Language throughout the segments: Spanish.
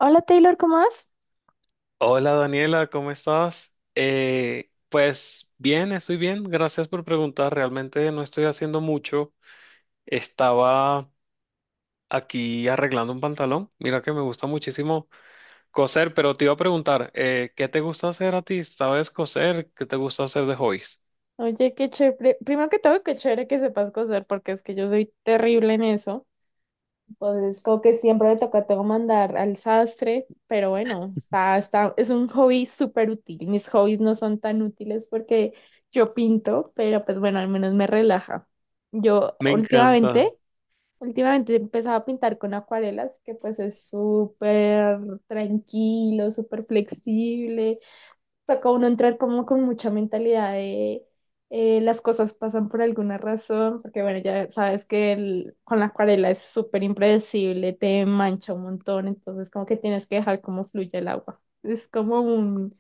Hola Taylor, ¿cómo vas? Hola Daniela, ¿cómo estás? Pues bien, estoy bien, gracias por preguntar. Realmente no estoy haciendo mucho. Estaba aquí arreglando un pantalón. Mira que me gusta muchísimo coser, pero te iba a preguntar, ¿qué te gusta hacer a ti? ¿Sabes coser? ¿Qué te gusta hacer de hobbies? Oye, qué chévere. Primero que todo, qué chévere que sepas coser, porque es que yo soy terrible en eso. Entonces, como que siempre me toca tengo que mandar al sastre, pero bueno, es un hobby súper útil. Mis hobbies no son tan útiles porque yo pinto, pero pues bueno, al menos me relaja. Yo Me encanta. últimamente, Últimamente he empezado a pintar con acuarelas, que pues es súper tranquilo, súper flexible. Toca uno entrar como con mucha mentalidad de las cosas pasan por alguna razón, porque bueno, ya sabes que con la acuarela es súper impredecible, te mancha un montón, entonces como que tienes que dejar como fluye el agua. Es como un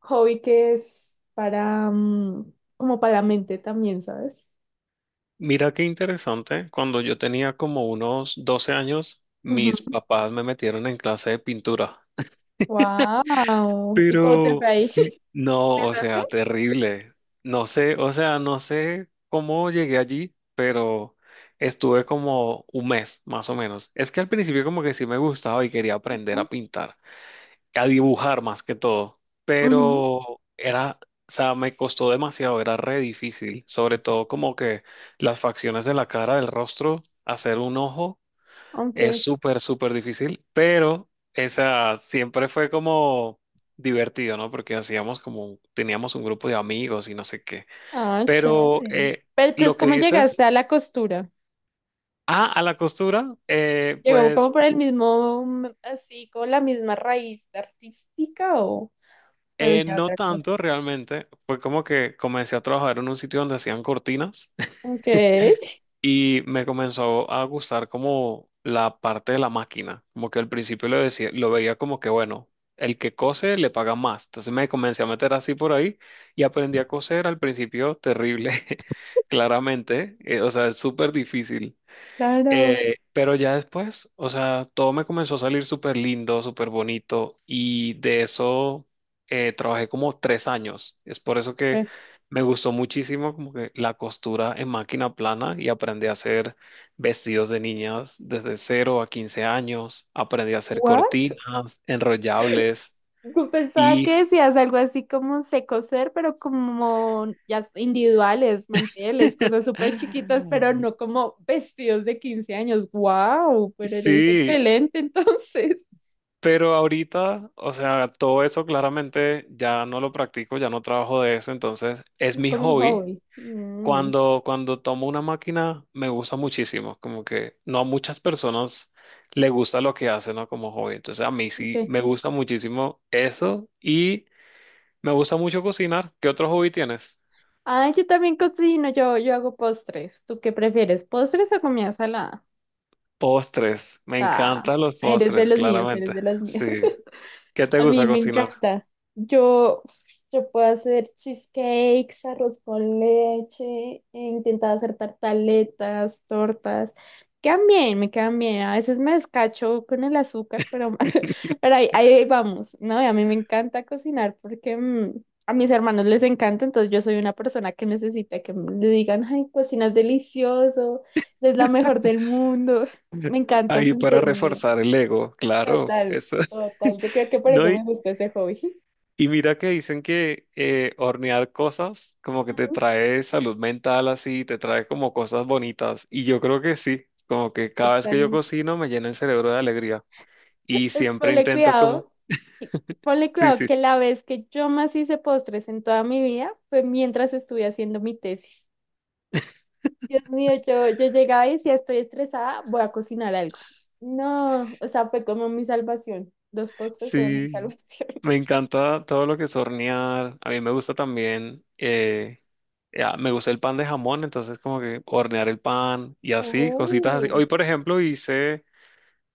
hobby que es para, como para la mente también, ¿sabes? Mira qué interesante. Cuando yo tenía como unos 12 años, mis Ujú. papás me metieron en clase de pintura. Wow. ¿Y cómo te Pero fue ahí? sí, no, o Empezaste. sea, terrible. No sé, o sea, no sé cómo llegué allí, pero estuve como un mes, más o menos. Es que al principio como que sí me gustaba y quería aprender a pintar, a dibujar más que todo, Ujú. pero era, o sea, me costó demasiado, era re difícil, sobre todo como que las facciones de la cara, del rostro, hacer un ojo. Es Ok. súper, súper difícil, pero esa siempre fue como divertido, ¿no? Porque hacíamos como, teníamos un grupo de amigos y no sé qué. Ah, Pero chévere. Pero lo entonces, que ¿cómo llegaste dices, a la costura? ah, a la costura, Llegó como pues por el mismo, así, con la misma raíz artística, ¿o fue ya no otra cosa? tanto realmente. Fue como que comencé a trabajar en un sitio donde hacían cortinas. Ok, Y me comenzó a gustar como la parte de la máquina, como que al principio lo decía, lo veía como que bueno, el que cose le paga más. Entonces me comencé a meter así por ahí y aprendí a coser al principio terrible, claramente, o sea, es súper difícil. claro. Pero ya después, o sea, todo me comenzó a salir súper lindo, súper bonito y de eso trabajé como 3 años. Es por eso que Eh, me gustó muchísimo como que la costura en máquina plana y aprendí a hacer vestidos de niñas desde 0 a 15 años. Aprendí a hacer What? cortinas, enrollables Yo pensaba y... que decías algo así como sé coser, pero como ya individuales, manteles, cosas súper chiquitas, pero no como vestidos de 15 años. Wow, pero eres Sí. excelente entonces. Pero ahorita, o sea, todo eso claramente ya no lo practico, ya no trabajo de eso, entonces es Es mi como un hobby. hobby. Mm, Cuando tomo una máquina me gusta muchísimo, como que no a muchas personas le gusta lo que hacen, ¿no? Como hobby. Entonces a mí sí ok. me gusta muchísimo eso y me gusta mucho cocinar. ¿Qué otro hobby tienes? Ah, yo también cocino, yo hago postres. ¿Tú qué prefieres, postres o comida salada? Postres. Me Ah, encantan los eres de postres, los míos, eres claramente. de los míos. Sí. ¿Qué te A gusta mí me cocinar? encanta. Yo, yo puedo hacer cheesecakes, arroz con leche, he intentado hacer tartaletas, tortas. Quedan bien, me quedan bien. A veces me descacho con el azúcar, pero, pero ahí vamos, ¿no? Y a mí me encanta cocinar porque a mis hermanos les encanta, entonces yo soy una persona que necesita que le digan, ay, cocinas delicioso, es la mejor del mundo. Me encanta Ahí para sentirme. reforzar el ego, claro. Total, Eso. total. Yo creo que por No, eso y, me gustó ese hobby. y mira que dicen que hornear cosas como que te trae salud mental así, te trae como cosas bonitas. Y yo creo que sí, como que cada vez que yo Totalmente. cocino me llena el cerebro de alegría. Y Pues siempre ponle intento como, cuidado, y- ponle sí, cuidado sí. que la vez que yo más hice postres en toda mi vida fue mientras estuve haciendo mi tesis. Dios mío, yo llegaba y decía, estoy estresada, voy a cocinar algo. No, o sea, fue como mi salvación. Los postres fueron mi Sí, salvación. me encanta todo lo que es hornear. A mí me gusta también, ya, me gusta el pan de jamón, entonces como que hornear el pan y así, cositas así. Oh. Hoy, por ejemplo, hice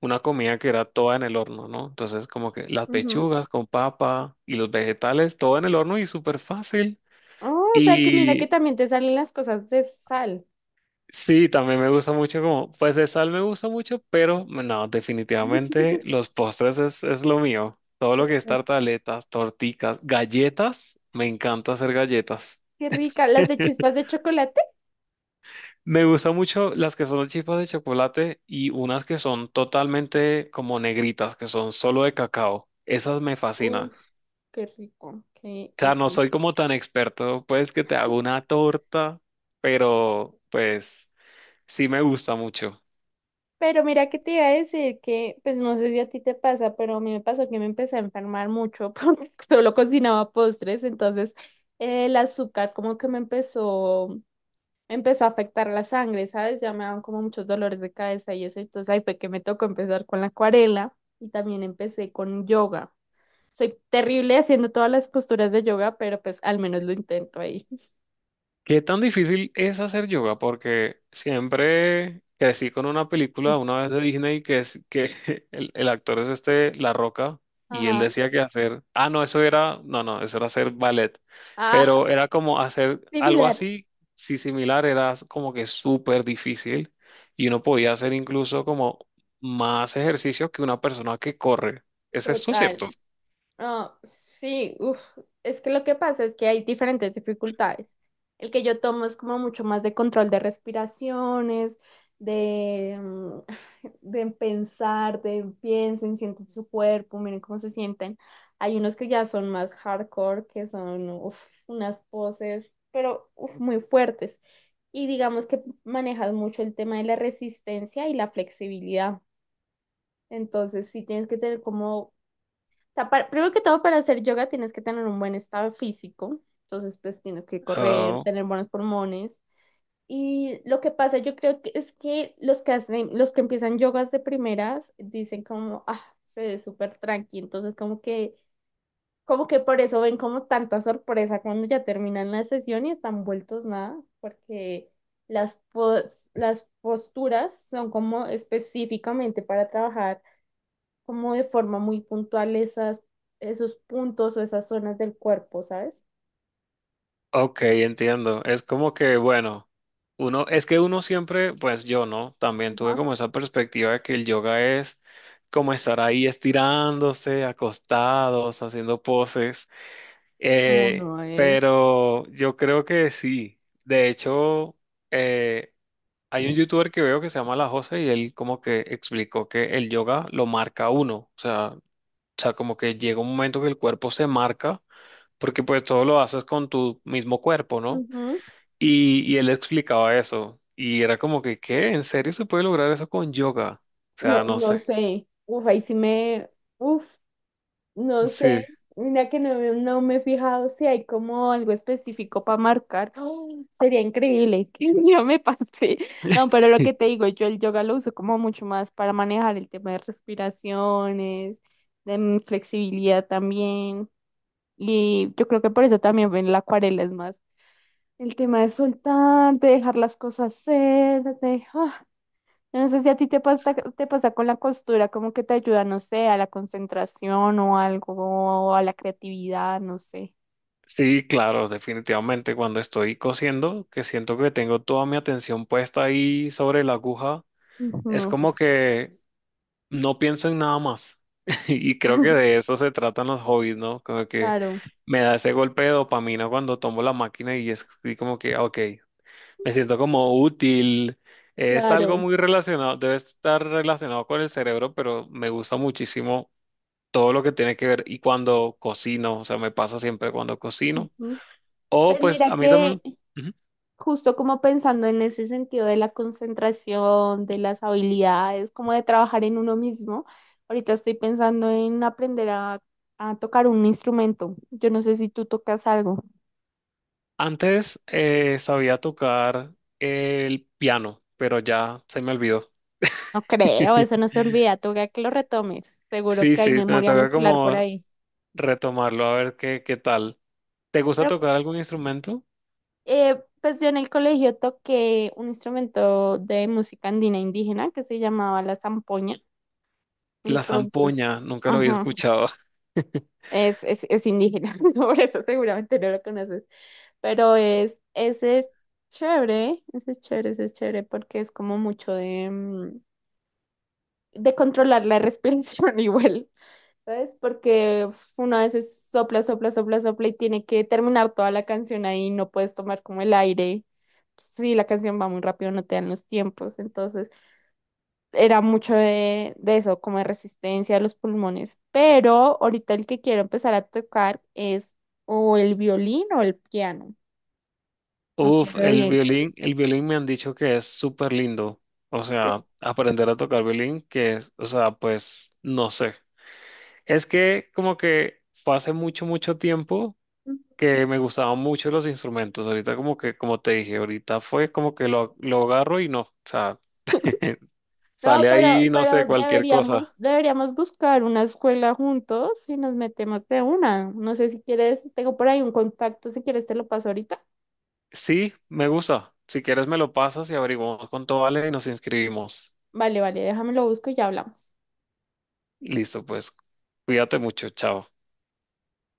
una comida que era toda en el horno, ¿no? Entonces como que las Ujú. pechugas con papa y los vegetales, todo en el horno y súper fácil. Oh, o sea que mira que y también te salen las cosas de sal. Sí, también me gusta mucho como, pues de sal me gusta mucho, pero no, definitivamente los postres es lo mío. Todo lo que es Ujú. tartaletas, torticas, galletas, me encanta hacer galletas. Qué rica. ¿Las de chispas de chocolate? Me gustan mucho las que son chispas de chocolate y unas que son totalmente como negritas, que son solo de cacao. Esas me fascinan. O Qué rico, qué sea, rico. no soy como tan experto, pues que te hago una torta, pero pues sí me gusta mucho. Pero mira que te iba a decir que, pues no sé si a ti te pasa, pero a mí me pasó que me empecé a enfermar mucho porque solo cocinaba postres, entonces el azúcar como que me empezó a afectar la sangre, ¿sabes? Ya me daban como muchos dolores de cabeza y eso, entonces ahí fue que me tocó empezar con la acuarela y también empecé con yoga. Soy terrible haciendo todas las posturas de yoga, pero pues al menos lo intento ahí. ¿Qué tan difícil es hacer yoga? Porque siempre crecí con una película una vez de Disney que es que el actor es este La Roca y él Ajá. decía que hacer, ah, no, eso era, no, no, eso era hacer ballet, Ah, pero era como hacer algo similar, así, si similar, era como que súper difícil y uno podía hacer incluso como más ejercicio que una persona que corre. ¿Es esto cierto? total. Ah, sí, uf, es que lo que pasa es que hay diferentes dificultades. El que yo tomo es como mucho más de control de respiraciones, de, de pensar, de piensen, sienten su cuerpo, miren cómo se sienten. Hay unos que ya son más hardcore, que son uf, unas poses, pero uf, muy fuertes. Y digamos que manejas mucho el tema de la resistencia y la flexibilidad. Entonces, sí tienes que tener como sea, primero que todo, para hacer yoga tienes que tener un buen estado físico, entonces pues tienes que correr, tener buenos pulmones. Y lo que pasa, yo creo que es que los que empiezan yogas de primeras dicen como, ah, se ve súper tranqui, entonces como que por eso ven como tanta sorpresa cuando ya terminan la sesión y están vueltos nada, porque las posturas son como específicamente para trabajar como de forma muy puntual esos puntos o esas zonas del cuerpo, ¿sabes? Ok, entiendo. Es como que, bueno, uno, es que uno siempre, pues yo no, también tuve Ajá. como esa perspectiva de que el yoga es como estar ahí estirándose, acostados, haciendo poses. No, eh, no es. pero yo creo que sí. De hecho, eh, hay un youtuber que veo que se llama La Jose y él como que explicó que el yoga lo marca a uno. O sea, como que llega un momento que el cuerpo se marca, porque pues todo lo haces con tu mismo cuerpo, ¿no? Ujú. Y él explicaba eso. Y era como que, ¿qué? ¿En serio se puede lograr eso con yoga? O No, sea, no sé. no sé. Uf, ahí sí me. Uf, no sé. Sí. Mira que no, no me he fijado si hay como algo específico para marcar. ¡Oh! Sería increíble que un día me pase. No, pero lo que te digo, yo el yoga lo uso como mucho más para manejar el tema de respiraciones, de flexibilidad también. Y yo creo que por eso también ven la acuarela es más el tema de soltar, de dejar las cosas ser, de, ah, yo no sé si a ti te pasa con la costura, como que te ayuda, no sé, a la concentración o algo, o a la creatividad, no sé. Sí, claro, definitivamente. Cuando estoy cosiendo, que siento que tengo toda mi atención puesta ahí sobre la aguja, es como Ujú. que no pienso en nada más. Y creo que de eso se tratan los hobbies, ¿no? Como que Claro, me da ese golpe de dopamina cuando tomo la máquina y es y como que, ok. Me siento como útil. Es algo claro. muy relacionado, debe estar relacionado con el cerebro, pero me gusta muchísimo todo lo que tiene que ver y cuando cocino, o sea, me pasa siempre cuando cocino. Ujú. O Pues pues mira a mí que también, ujú. justo como pensando en ese sentido de la concentración, de las habilidades, como de trabajar en uno mismo. Ahorita estoy pensando en aprender a tocar un instrumento. Yo no sé si tú tocas algo. Antes sabía tocar el piano, pero ya se me olvidó. No creo, eso no se olvida. Toca que lo retomes. Seguro Sí, que sí, hay me memoria toca muscular por como ahí. retomarlo, a ver qué tal. ¿Te gusta Pero tocar algún instrumento? Pues yo en el colegio toqué un instrumento de música andina indígena que se llamaba la zampoña. La Entonces, zampoña, nunca lo había ajá, escuchado. Es indígena, por eso seguramente no lo conoces. Pero es, ese es chévere, ese es chévere, ese es chévere porque es como mucho de, de controlar la respiración igual, ¿sabes? Porque uf, uno a veces sopla, sopla, sopla, sopla y tiene que terminar toda la canción ahí, no puedes tomar como el aire. Si la canción va muy rápido, no te dan los tiempos, entonces era mucho de eso, como de resistencia a los pulmones. Pero ahorita el que quiero empezar a tocar es o el violín o el piano, no Uf, quiero de el vientos. violín, el violín me han dicho que es súper lindo. O sea, aprender a tocar violín, que es, o sea, pues no sé. Es que como que fue hace mucho, mucho tiempo que me gustaban mucho los instrumentos. Ahorita como que, como te dije, ahorita fue como que lo agarro y no. O sea, No, sale ahí, pero, no sé, cualquier cosa. deberíamos buscar una escuela juntos y nos metemos de una. No sé si quieres, tengo por ahí un contacto, si quieres te lo paso ahorita. Sí, me gusta. Si quieres me lo pasas y averiguamos cuánto vale y nos inscribimos. Vale, vale, déjame lo busco y ya hablamos. Listo, pues. Cuídate mucho, chao.